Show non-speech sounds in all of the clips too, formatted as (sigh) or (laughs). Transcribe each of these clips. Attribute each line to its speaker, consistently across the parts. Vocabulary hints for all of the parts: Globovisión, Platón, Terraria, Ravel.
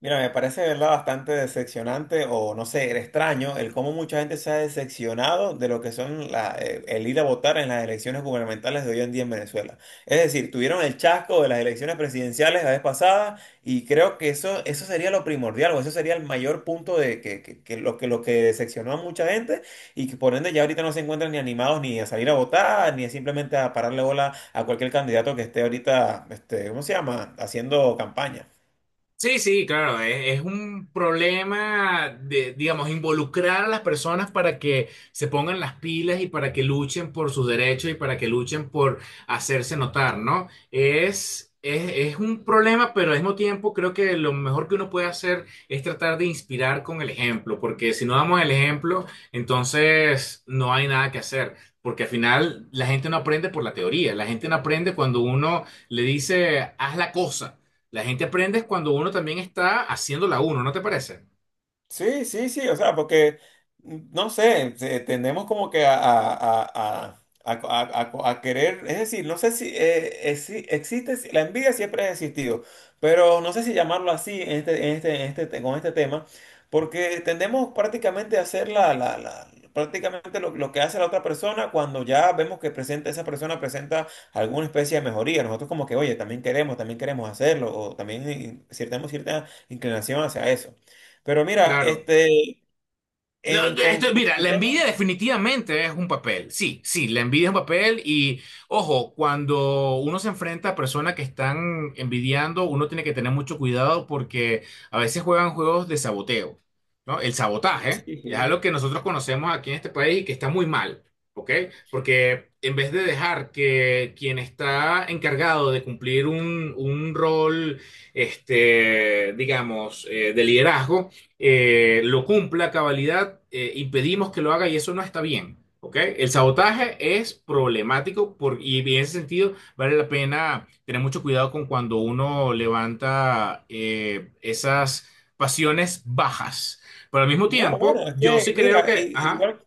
Speaker 1: Mira, me parece, de ¿verdad? Bastante decepcionante o no sé, extraño el cómo mucha gente se ha decepcionado de lo que son el ir a votar en las elecciones gubernamentales de hoy en día en Venezuela. Es decir, tuvieron el chasco de las elecciones presidenciales la vez pasada y creo que eso sería lo primordial o eso sería el mayor punto de que lo que decepcionó a mucha gente y que por ende ya ahorita no se encuentran ni animados ni a salir a votar ni simplemente a pararle bola a cualquier candidato que esté ahorita, este, ¿cómo se llama?, haciendo campaña.
Speaker 2: Sí, sí, claro, es un problema de, digamos, involucrar a las personas para que se pongan las pilas y para que luchen por sus derechos y para que luchen por hacerse notar, ¿no? Es un problema, pero al mismo tiempo creo que lo mejor que uno puede hacer es tratar de inspirar con el ejemplo, porque si no damos el ejemplo, entonces no hay nada que hacer. Porque al final la gente no aprende por la teoría, la gente no aprende cuando uno le dice, haz la cosa. La gente aprende es cuando uno también está haciéndola uno, ¿no te parece?
Speaker 1: Sí, sí, sí, o sea, porque, no sé, tendemos como que a querer, es decir, no sé si si existe, la envidia siempre ha existido, pero no sé si llamarlo así en este, con este tema, porque tendemos prácticamente a hacer prácticamente lo que hace la otra persona cuando ya vemos que presenta, esa persona presenta alguna especie de mejoría, nosotros como que, oye, también queremos hacerlo, o también tenemos cierta inclinación hacia eso. Pero mira,
Speaker 2: Claro.
Speaker 1: este,
Speaker 2: Lo-
Speaker 1: en con
Speaker 2: Mira,
Speaker 1: el
Speaker 2: la
Speaker 1: tema,
Speaker 2: envidia definitivamente es un papel. Sí, sí, la envidia es un papel y ojo, cuando uno se enfrenta a personas que están envidiando, uno tiene que tener mucho cuidado porque a veces juegan juegos de saboteo, ¿no? El
Speaker 1: sí,
Speaker 2: sabotaje es
Speaker 1: sí.
Speaker 2: algo que nosotros conocemos aquí en este país y que está muy mal, ¿ok? Porque en vez de dejar que quien está encargado de cumplir un rol, este, digamos, de liderazgo, lo cumpla a cabalidad, impedimos que lo haga y eso no está bien. ¿Ok? El sabotaje es problemático por, y en ese sentido vale la pena tener mucho cuidado con cuando uno levanta esas pasiones bajas. Pero al mismo
Speaker 1: No,
Speaker 2: tiempo,
Speaker 1: bueno, es
Speaker 2: yo
Speaker 1: que,
Speaker 2: sí creo
Speaker 1: mira,
Speaker 2: que... Ajá,
Speaker 1: igual.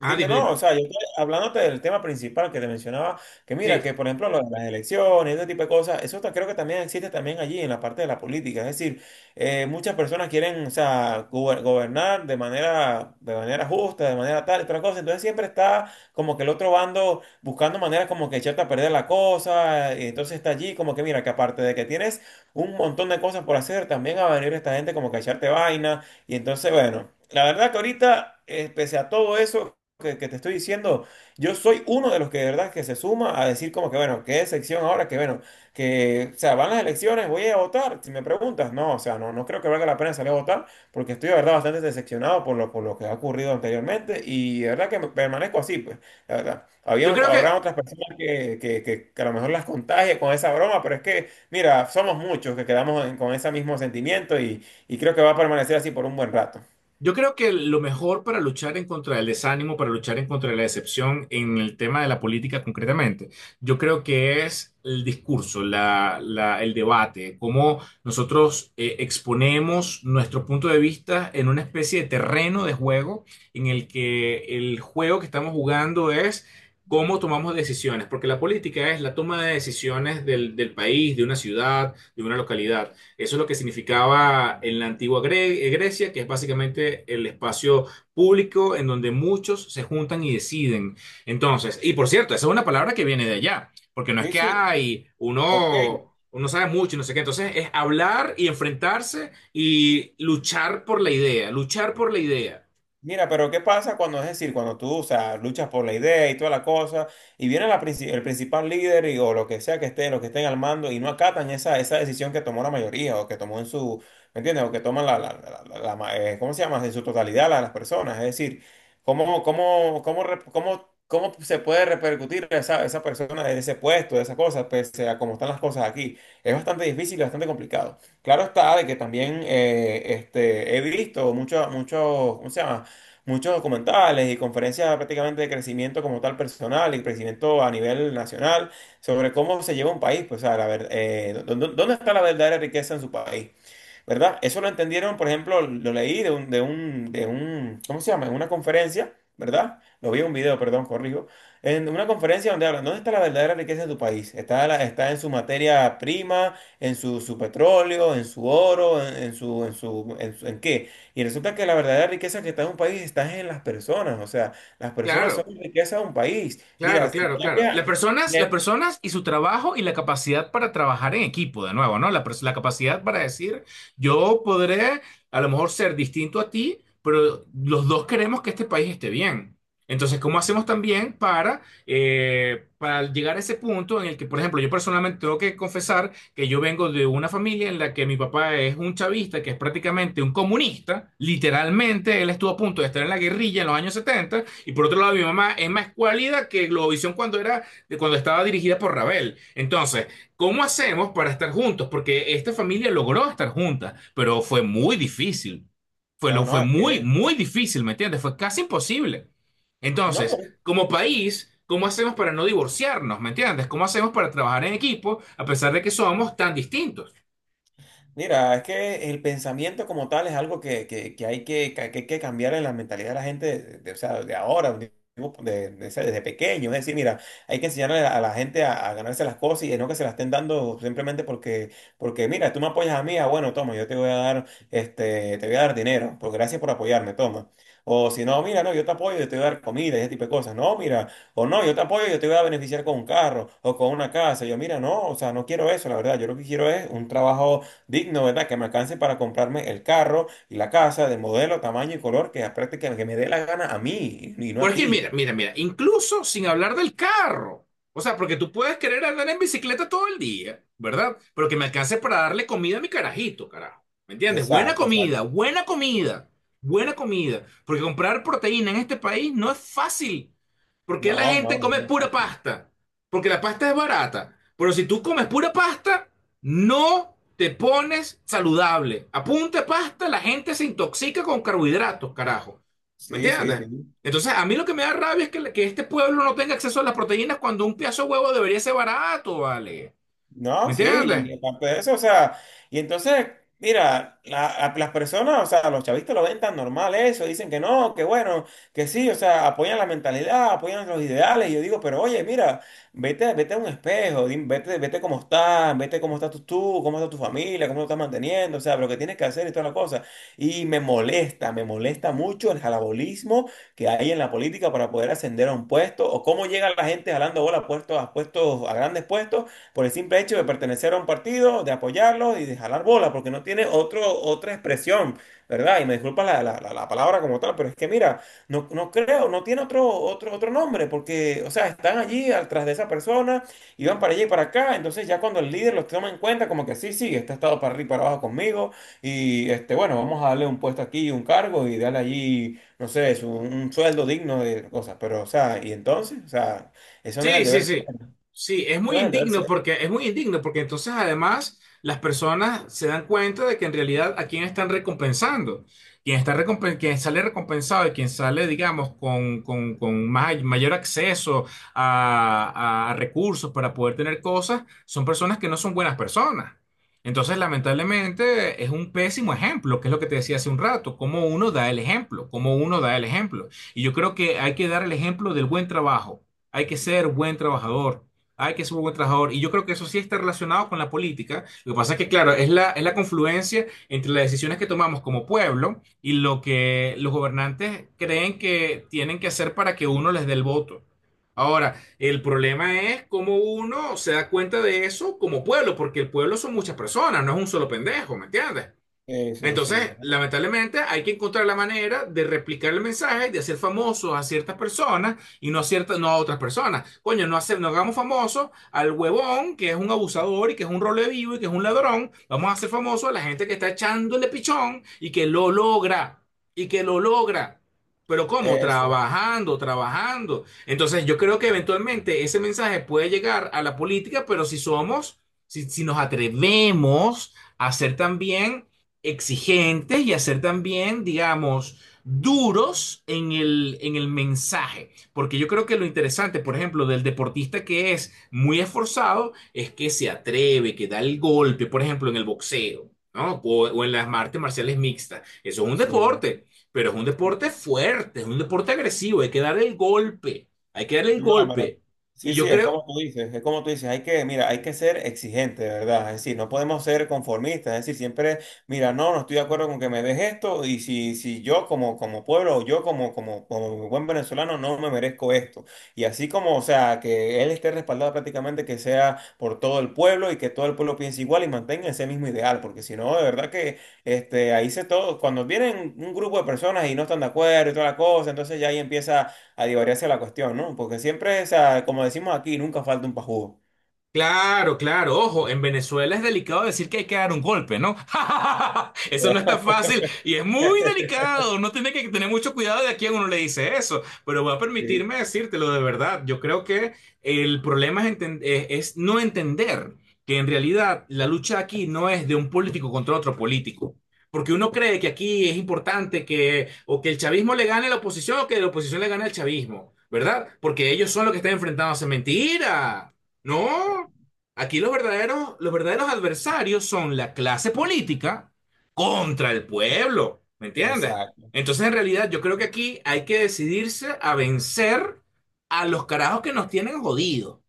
Speaker 2: ah,
Speaker 1: Dime,
Speaker 2: dime, dime.
Speaker 1: no, o sea, yo estoy hablándote del tema principal que te mencionaba, que mira,
Speaker 2: Sí,
Speaker 1: que por ejemplo lo de las elecciones, ese tipo de cosas, creo que también existe también allí en la parte de la política, es decir, muchas personas quieren, o sea, gobernar de manera justa, de manera tal, y otra cosa, entonces siempre está como que el otro bando buscando maneras como que echarte a perder la cosa, y entonces está allí como que mira, que aparte de que tienes un montón de cosas por hacer, también va a venir esta gente como que a echarte vaina, y entonces, bueno. La verdad que ahorita, pese a todo eso, que te estoy diciendo, yo soy uno de los que de verdad que se suma a decir como que bueno, qué sección ahora, que bueno, que, o sea, van las elecciones, voy a votar, si me preguntas, no, o sea, no, no creo que valga la pena salir a votar, porque estoy de verdad bastante decepcionado por lo que ha ocurrido anteriormente y de verdad que permanezco así, pues, la verdad.
Speaker 2: yo creo que
Speaker 1: Habrá otras personas que a lo mejor las contagie con esa broma, pero es que, mira, somos muchos que quedamos con ese mismo sentimiento y creo que va a permanecer así por un buen rato.
Speaker 2: Yo creo que lo mejor para luchar en contra del desánimo, para luchar en contra de la decepción en el tema de la política concretamente, yo creo que es el discurso, el debate, cómo nosotros exponemos nuestro punto de vista en una especie de terreno de juego en el que el juego que estamos jugando es cómo tomamos decisiones, porque la política es la toma de decisiones del país, de una ciudad, de una localidad. Eso es lo que significaba en la antigua Grecia, que es básicamente el espacio público en donde muchos se juntan y deciden. Entonces, y por cierto, esa es una palabra que viene de allá, porque no es
Speaker 1: Sí,
Speaker 2: que
Speaker 1: sí,
Speaker 2: hay
Speaker 1: ok.
Speaker 2: uno, uno sabe mucho y no sé qué. Entonces, es hablar y enfrentarse y luchar por la idea, luchar por la idea.
Speaker 1: Mira, pero ¿qué pasa cuando, es decir, cuando tú, o sea, luchas por la idea y toda la cosa, y viene el principal líder o lo que sea que esté, lo que estén al mando y no acatan esa, esa decisión que tomó la mayoría o que tomó en su, ¿me entiendes? O que toman ¿cómo se llama? En su totalidad las personas. Es decir, ¿ cómo se puede repercutir esa, esa persona en ese puesto, de esa cosa, pese a cómo están las cosas aquí? Es bastante difícil y bastante complicado. Claro está de que también este, he visto muchos, ¿cómo se llama? Muchos documentales y conferencias prácticamente de crecimiento como tal personal y crecimiento a nivel nacional sobre cómo se lleva un país, pues, o sea, la ver- dó- dó- ¿dónde está la verdadera riqueza en su país? ¿Verdad? Eso lo entendieron, por ejemplo, lo leí de un, ¿cómo se llama? En una conferencia, ¿verdad? Lo vi en un video, perdón, corrijo. En una conferencia donde hablan, ¿dónde está la verdadera riqueza de tu país? Está, está en su materia prima, en su petróleo, en su oro, en ¿en qué? Y resulta que la verdadera riqueza que está en un país está en las personas, o sea, las personas son
Speaker 2: Claro.
Speaker 1: riqueza de un país.
Speaker 2: Claro,
Speaker 1: Mira, si
Speaker 2: claro, claro.
Speaker 1: cambia…
Speaker 2: Las personas y su trabajo y la capacidad para trabajar en equipo, de nuevo, ¿no? La capacidad para decir, yo podré a lo mejor ser distinto a ti, pero los dos queremos que este país esté bien. Entonces, ¿cómo hacemos también para llegar a ese punto en el que, por ejemplo, yo personalmente tengo que confesar que yo vengo de una familia en la que mi papá es un chavista, que es prácticamente un comunista, literalmente él estuvo a punto de estar en la guerrilla en los años 70 y por otro lado mi mamá es más cualida que Globovisión cuando era, cuando estaba dirigida por Ravel. Entonces, ¿cómo hacemos para estar juntos? Porque esta familia logró estar junta, pero fue muy difícil. Fue,
Speaker 1: No,
Speaker 2: lo, fue
Speaker 1: no, es
Speaker 2: muy,
Speaker 1: que…
Speaker 2: muy difícil, ¿me entiendes? Fue casi imposible.
Speaker 1: No.
Speaker 2: Entonces, como país, ¿cómo hacemos para no divorciarnos? ¿Me entiendes? ¿Cómo hacemos para trabajar en equipo a pesar de que somos tan distintos?
Speaker 1: Mira, es que el pensamiento como tal es algo que, que hay que hay que cambiar en la mentalidad de la gente, o sea, de ahora, o sea, desde pequeño. Es decir, mira, hay que enseñarle a la gente a ganarse las cosas y no que se las estén dando simplemente porque, porque mira, tú me apoyas a mí, ah, bueno, toma, yo te voy a dar, este, te voy a dar dinero, pues gracias por apoyarme, toma. O si no, mira, no, yo te apoyo, yo te voy a dar comida y ese tipo de cosas. No, mira, o no, yo te apoyo, yo te voy a beneficiar con un carro o con una casa. Yo, mira, no, o sea, no quiero eso, la verdad, yo lo que quiero es un trabajo digno, ¿verdad? Que me alcance para comprarme el carro y la casa de modelo, tamaño y color que apriete que me dé la gana a mí y no a
Speaker 2: Porque
Speaker 1: ti.
Speaker 2: mira, mira, mira, incluso sin hablar del carro. O sea, porque tú puedes querer andar en bicicleta todo el día, ¿verdad? Pero que me alcance para darle comida a mi carajito, carajo. ¿Me entiendes? Buena
Speaker 1: Exacto, exacto.
Speaker 2: comida, buena comida, buena comida. Porque comprar proteína en este país no es fácil. Porque
Speaker 1: No,
Speaker 2: la gente
Speaker 1: no, no,
Speaker 2: come
Speaker 1: no,
Speaker 2: pura
Speaker 1: no.
Speaker 2: pasta. Porque la pasta es barata. Pero si tú comes pura pasta, no te pones saludable. Apunte pasta, la gente se intoxica con carbohidratos, carajo. ¿Me
Speaker 1: Sí, sí,
Speaker 2: entiendes?
Speaker 1: sí.
Speaker 2: Entonces, a mí lo que me da rabia es que este pueblo no tenga acceso a las proteínas cuando un pedazo de huevo debería ser barato, ¿vale? ¿Me
Speaker 1: No, sí, y
Speaker 2: entiendes?
Speaker 1: aparte de eso, o sea, y entonces, mira, las personas, o sea, los chavistas lo ven tan normal eso, dicen que no, que bueno, que sí, o sea, apoyan la mentalidad, apoyan los ideales, y yo digo, pero oye, mira, vete, vete a un espejo, vete, vete cómo estás tú, tú, cómo está tu familia, cómo lo estás manteniendo, o sea, lo que tienes que hacer y toda la cosa. Y me molesta mucho el jalabolismo que hay en la política para poder ascender a un puesto, o cómo llega la gente jalando bola a grandes puestos por el simple hecho de pertenecer a un partido, de apoyarlo y de jalar bola, porque no tiene otro, otra expresión, ¿verdad? Y me disculpa la palabra como tal, pero es que mira, no, no creo, no tiene otro nombre, porque, o sea, están allí al tras de esa persona y van para allá y para acá, entonces ya cuando el líder los toma en cuenta, como que sí, sí, este ha estado para arriba y para abajo conmigo, y este, bueno, vamos a darle un puesto aquí, un cargo y darle allí, no sé, un sueldo digno de cosas, pero, o sea, y entonces, o sea, eso no es
Speaker 2: Sí,
Speaker 1: el
Speaker 2: sí,
Speaker 1: deber ser,
Speaker 2: sí.
Speaker 1: eso
Speaker 2: Sí, es muy
Speaker 1: no es el deber
Speaker 2: indigno
Speaker 1: ser.
Speaker 2: porque es muy indigno porque entonces además las personas se dan cuenta de que en realidad a quién están recompensando. Quien sale recompensado y quien sale, digamos, con mayor acceso a recursos para poder tener cosas, son personas que no son buenas personas. Entonces, lamentablemente, es un pésimo ejemplo, que es lo que te decía hace un rato, cómo uno da el ejemplo, cómo uno da el ejemplo. Y yo creo que hay que dar el ejemplo del buen trabajo, hay que ser buen trabajador, hay que ser buen trabajador. Y yo creo que eso sí está relacionado con la política. Lo que pasa es que, claro, es la confluencia entre las decisiones que tomamos como pueblo y lo que los gobernantes creen que tienen que hacer para que uno les dé el voto. Ahora, el problema es cómo uno se da cuenta de eso como pueblo, porque el pueblo son muchas personas, no es un solo pendejo, ¿me entiendes?
Speaker 1: Sí, sí, sí.
Speaker 2: Entonces,
Speaker 1: ¿No?
Speaker 2: lamentablemente, hay que encontrar la manera de replicar el mensaje, de hacer famosos a ciertas personas y no a ciertas, no a otras personas. Coño, no hagamos famosos al huevón que es un abusador y que es un role vivo y que es un ladrón. Vamos a hacer famosos a la gente que está echándole pichón y que lo logra y que lo logra. Pero ¿cómo?
Speaker 1: Ese,
Speaker 2: Trabajando, trabajando. Entonces, yo creo que eventualmente ese mensaje puede llegar a la política, pero si somos, si, si nos atrevemos a ser también exigentes y a ser también, digamos, duros en el mensaje. Porque yo creo que lo interesante, por ejemplo, del deportista que es muy esforzado es que se atreve, que da el golpe, por ejemplo, en el boxeo, ¿no? O en las artes marciales mixtas. Eso es un
Speaker 1: sí.
Speaker 2: deporte, pero es un deporte fuerte, es un deporte agresivo, hay que dar el golpe, hay que darle el
Speaker 1: No, pero
Speaker 2: golpe. Y
Speaker 1: sí,
Speaker 2: yo
Speaker 1: sí, es como
Speaker 2: creo,
Speaker 1: tú dices, es como tú dices, hay que, mira, hay que ser exigente, de ¿verdad? Es decir, no podemos ser conformistas, es decir, siempre, mira, no, no estoy de acuerdo con que me des esto y si, si yo como, como pueblo o yo como, como, como buen venezolano no me merezco esto. Y así como, o sea, que él esté respaldado prácticamente que sea por todo el pueblo y que todo el pueblo piense igual y mantenga ese mismo ideal, porque si no, de verdad que este, ahí se todo, cuando vienen un grupo de personas y no están de acuerdo y toda la cosa, entonces ya ahí empieza a divagar la cuestión, ¿no? Porque siempre, o sea, como decimos aquí, nunca falta un pajudo.
Speaker 2: Claro, claro, ojo, en Venezuela es delicado decir que hay que dar un golpe, ¿no? (laughs) Eso no está
Speaker 1: (laughs)
Speaker 2: fácil y es muy delicado, no tiene que tener mucho cuidado de a quién uno le dice eso, pero voy a
Speaker 1: Sí.
Speaker 2: permitirme decírtelo de verdad, yo creo que el problema es no entender que en realidad la lucha aquí no es de un político contra otro político. Porque uno cree que aquí es importante que o que el chavismo le gane a la oposición o que la oposición le gane al chavismo, ¿verdad? Porque ellos son los que están enfrentándose. Mentira. No, aquí los verdaderos adversarios son la clase política contra el pueblo, ¿me entiendes?
Speaker 1: Exacto.
Speaker 2: Entonces, en realidad, yo creo que aquí hay que decidirse a vencer a los carajos que nos tienen jodidos,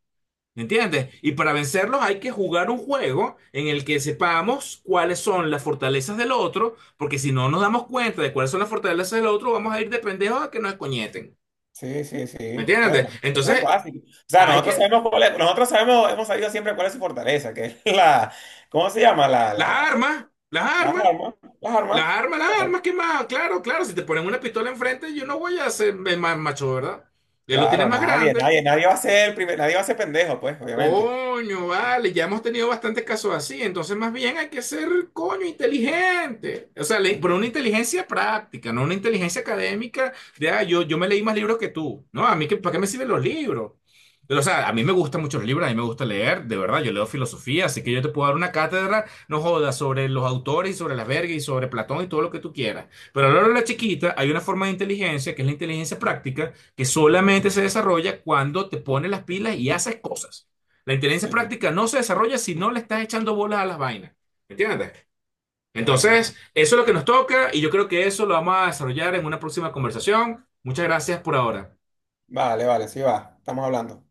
Speaker 2: ¿me entiendes? Y para vencerlos hay que jugar un juego en el que sepamos cuáles son las fortalezas del otro, porque si no nos damos cuenta de cuáles son las fortalezas del otro, vamos a ir de pendejos a que nos escoñeten,
Speaker 1: Sí, sí, sí.
Speaker 2: ¿me entiendes?
Speaker 1: Eso es
Speaker 2: Entonces,
Speaker 1: básico. O sea,
Speaker 2: hay
Speaker 1: nosotros
Speaker 2: que...
Speaker 1: sabemos nosotros sabemos, hemos sabido siempre cuál es su fortaleza, que es la, ¿cómo se llama?
Speaker 2: Las armas, las
Speaker 1: Las
Speaker 2: armas.
Speaker 1: armas, las
Speaker 2: Las
Speaker 1: armas. O
Speaker 2: armas, las
Speaker 1: sea,
Speaker 2: armas, ¿qué más? Claro, claro, si te ponen una pistola enfrente, yo no voy a ser el más macho, ¿verdad? Él lo tiene
Speaker 1: claro,
Speaker 2: más
Speaker 1: nadie,
Speaker 2: grande.
Speaker 1: nadie, nadie va a ser el primer, nadie va a ser pendejo, pues, obviamente.
Speaker 2: Coño, vale, ya hemos tenido bastantes casos así, entonces más bien hay que ser, coño, inteligente. O sea, le- pero una
Speaker 1: (laughs)
Speaker 2: inteligencia práctica, no una inteligencia académica de, ah, yo me leí más libros que tú. No, a mí, ¿para qué me sirven los libros? Pero, o sea, a mí me gustan mucho los libros, a mí me gusta leer, de verdad, yo leo filosofía, así que yo te puedo dar una cátedra, no jodas, sobre los autores y sobre las vergas y sobre Platón y todo lo que tú quieras. Pero a lo largo de la chiquita hay una forma de inteligencia, que es la inteligencia práctica, que solamente se desarrolla cuando te pones las pilas y haces cosas. La inteligencia
Speaker 1: Sí,
Speaker 2: práctica no se desarrolla si no le estás echando bolas a las vainas. ¿Me ¿Entiendes?
Speaker 1: bueno,
Speaker 2: Entonces, eso es lo que nos toca y yo creo que eso lo vamos a desarrollar en una próxima conversación. Muchas gracias por ahora.
Speaker 1: vale, vale, sí va, estamos hablando.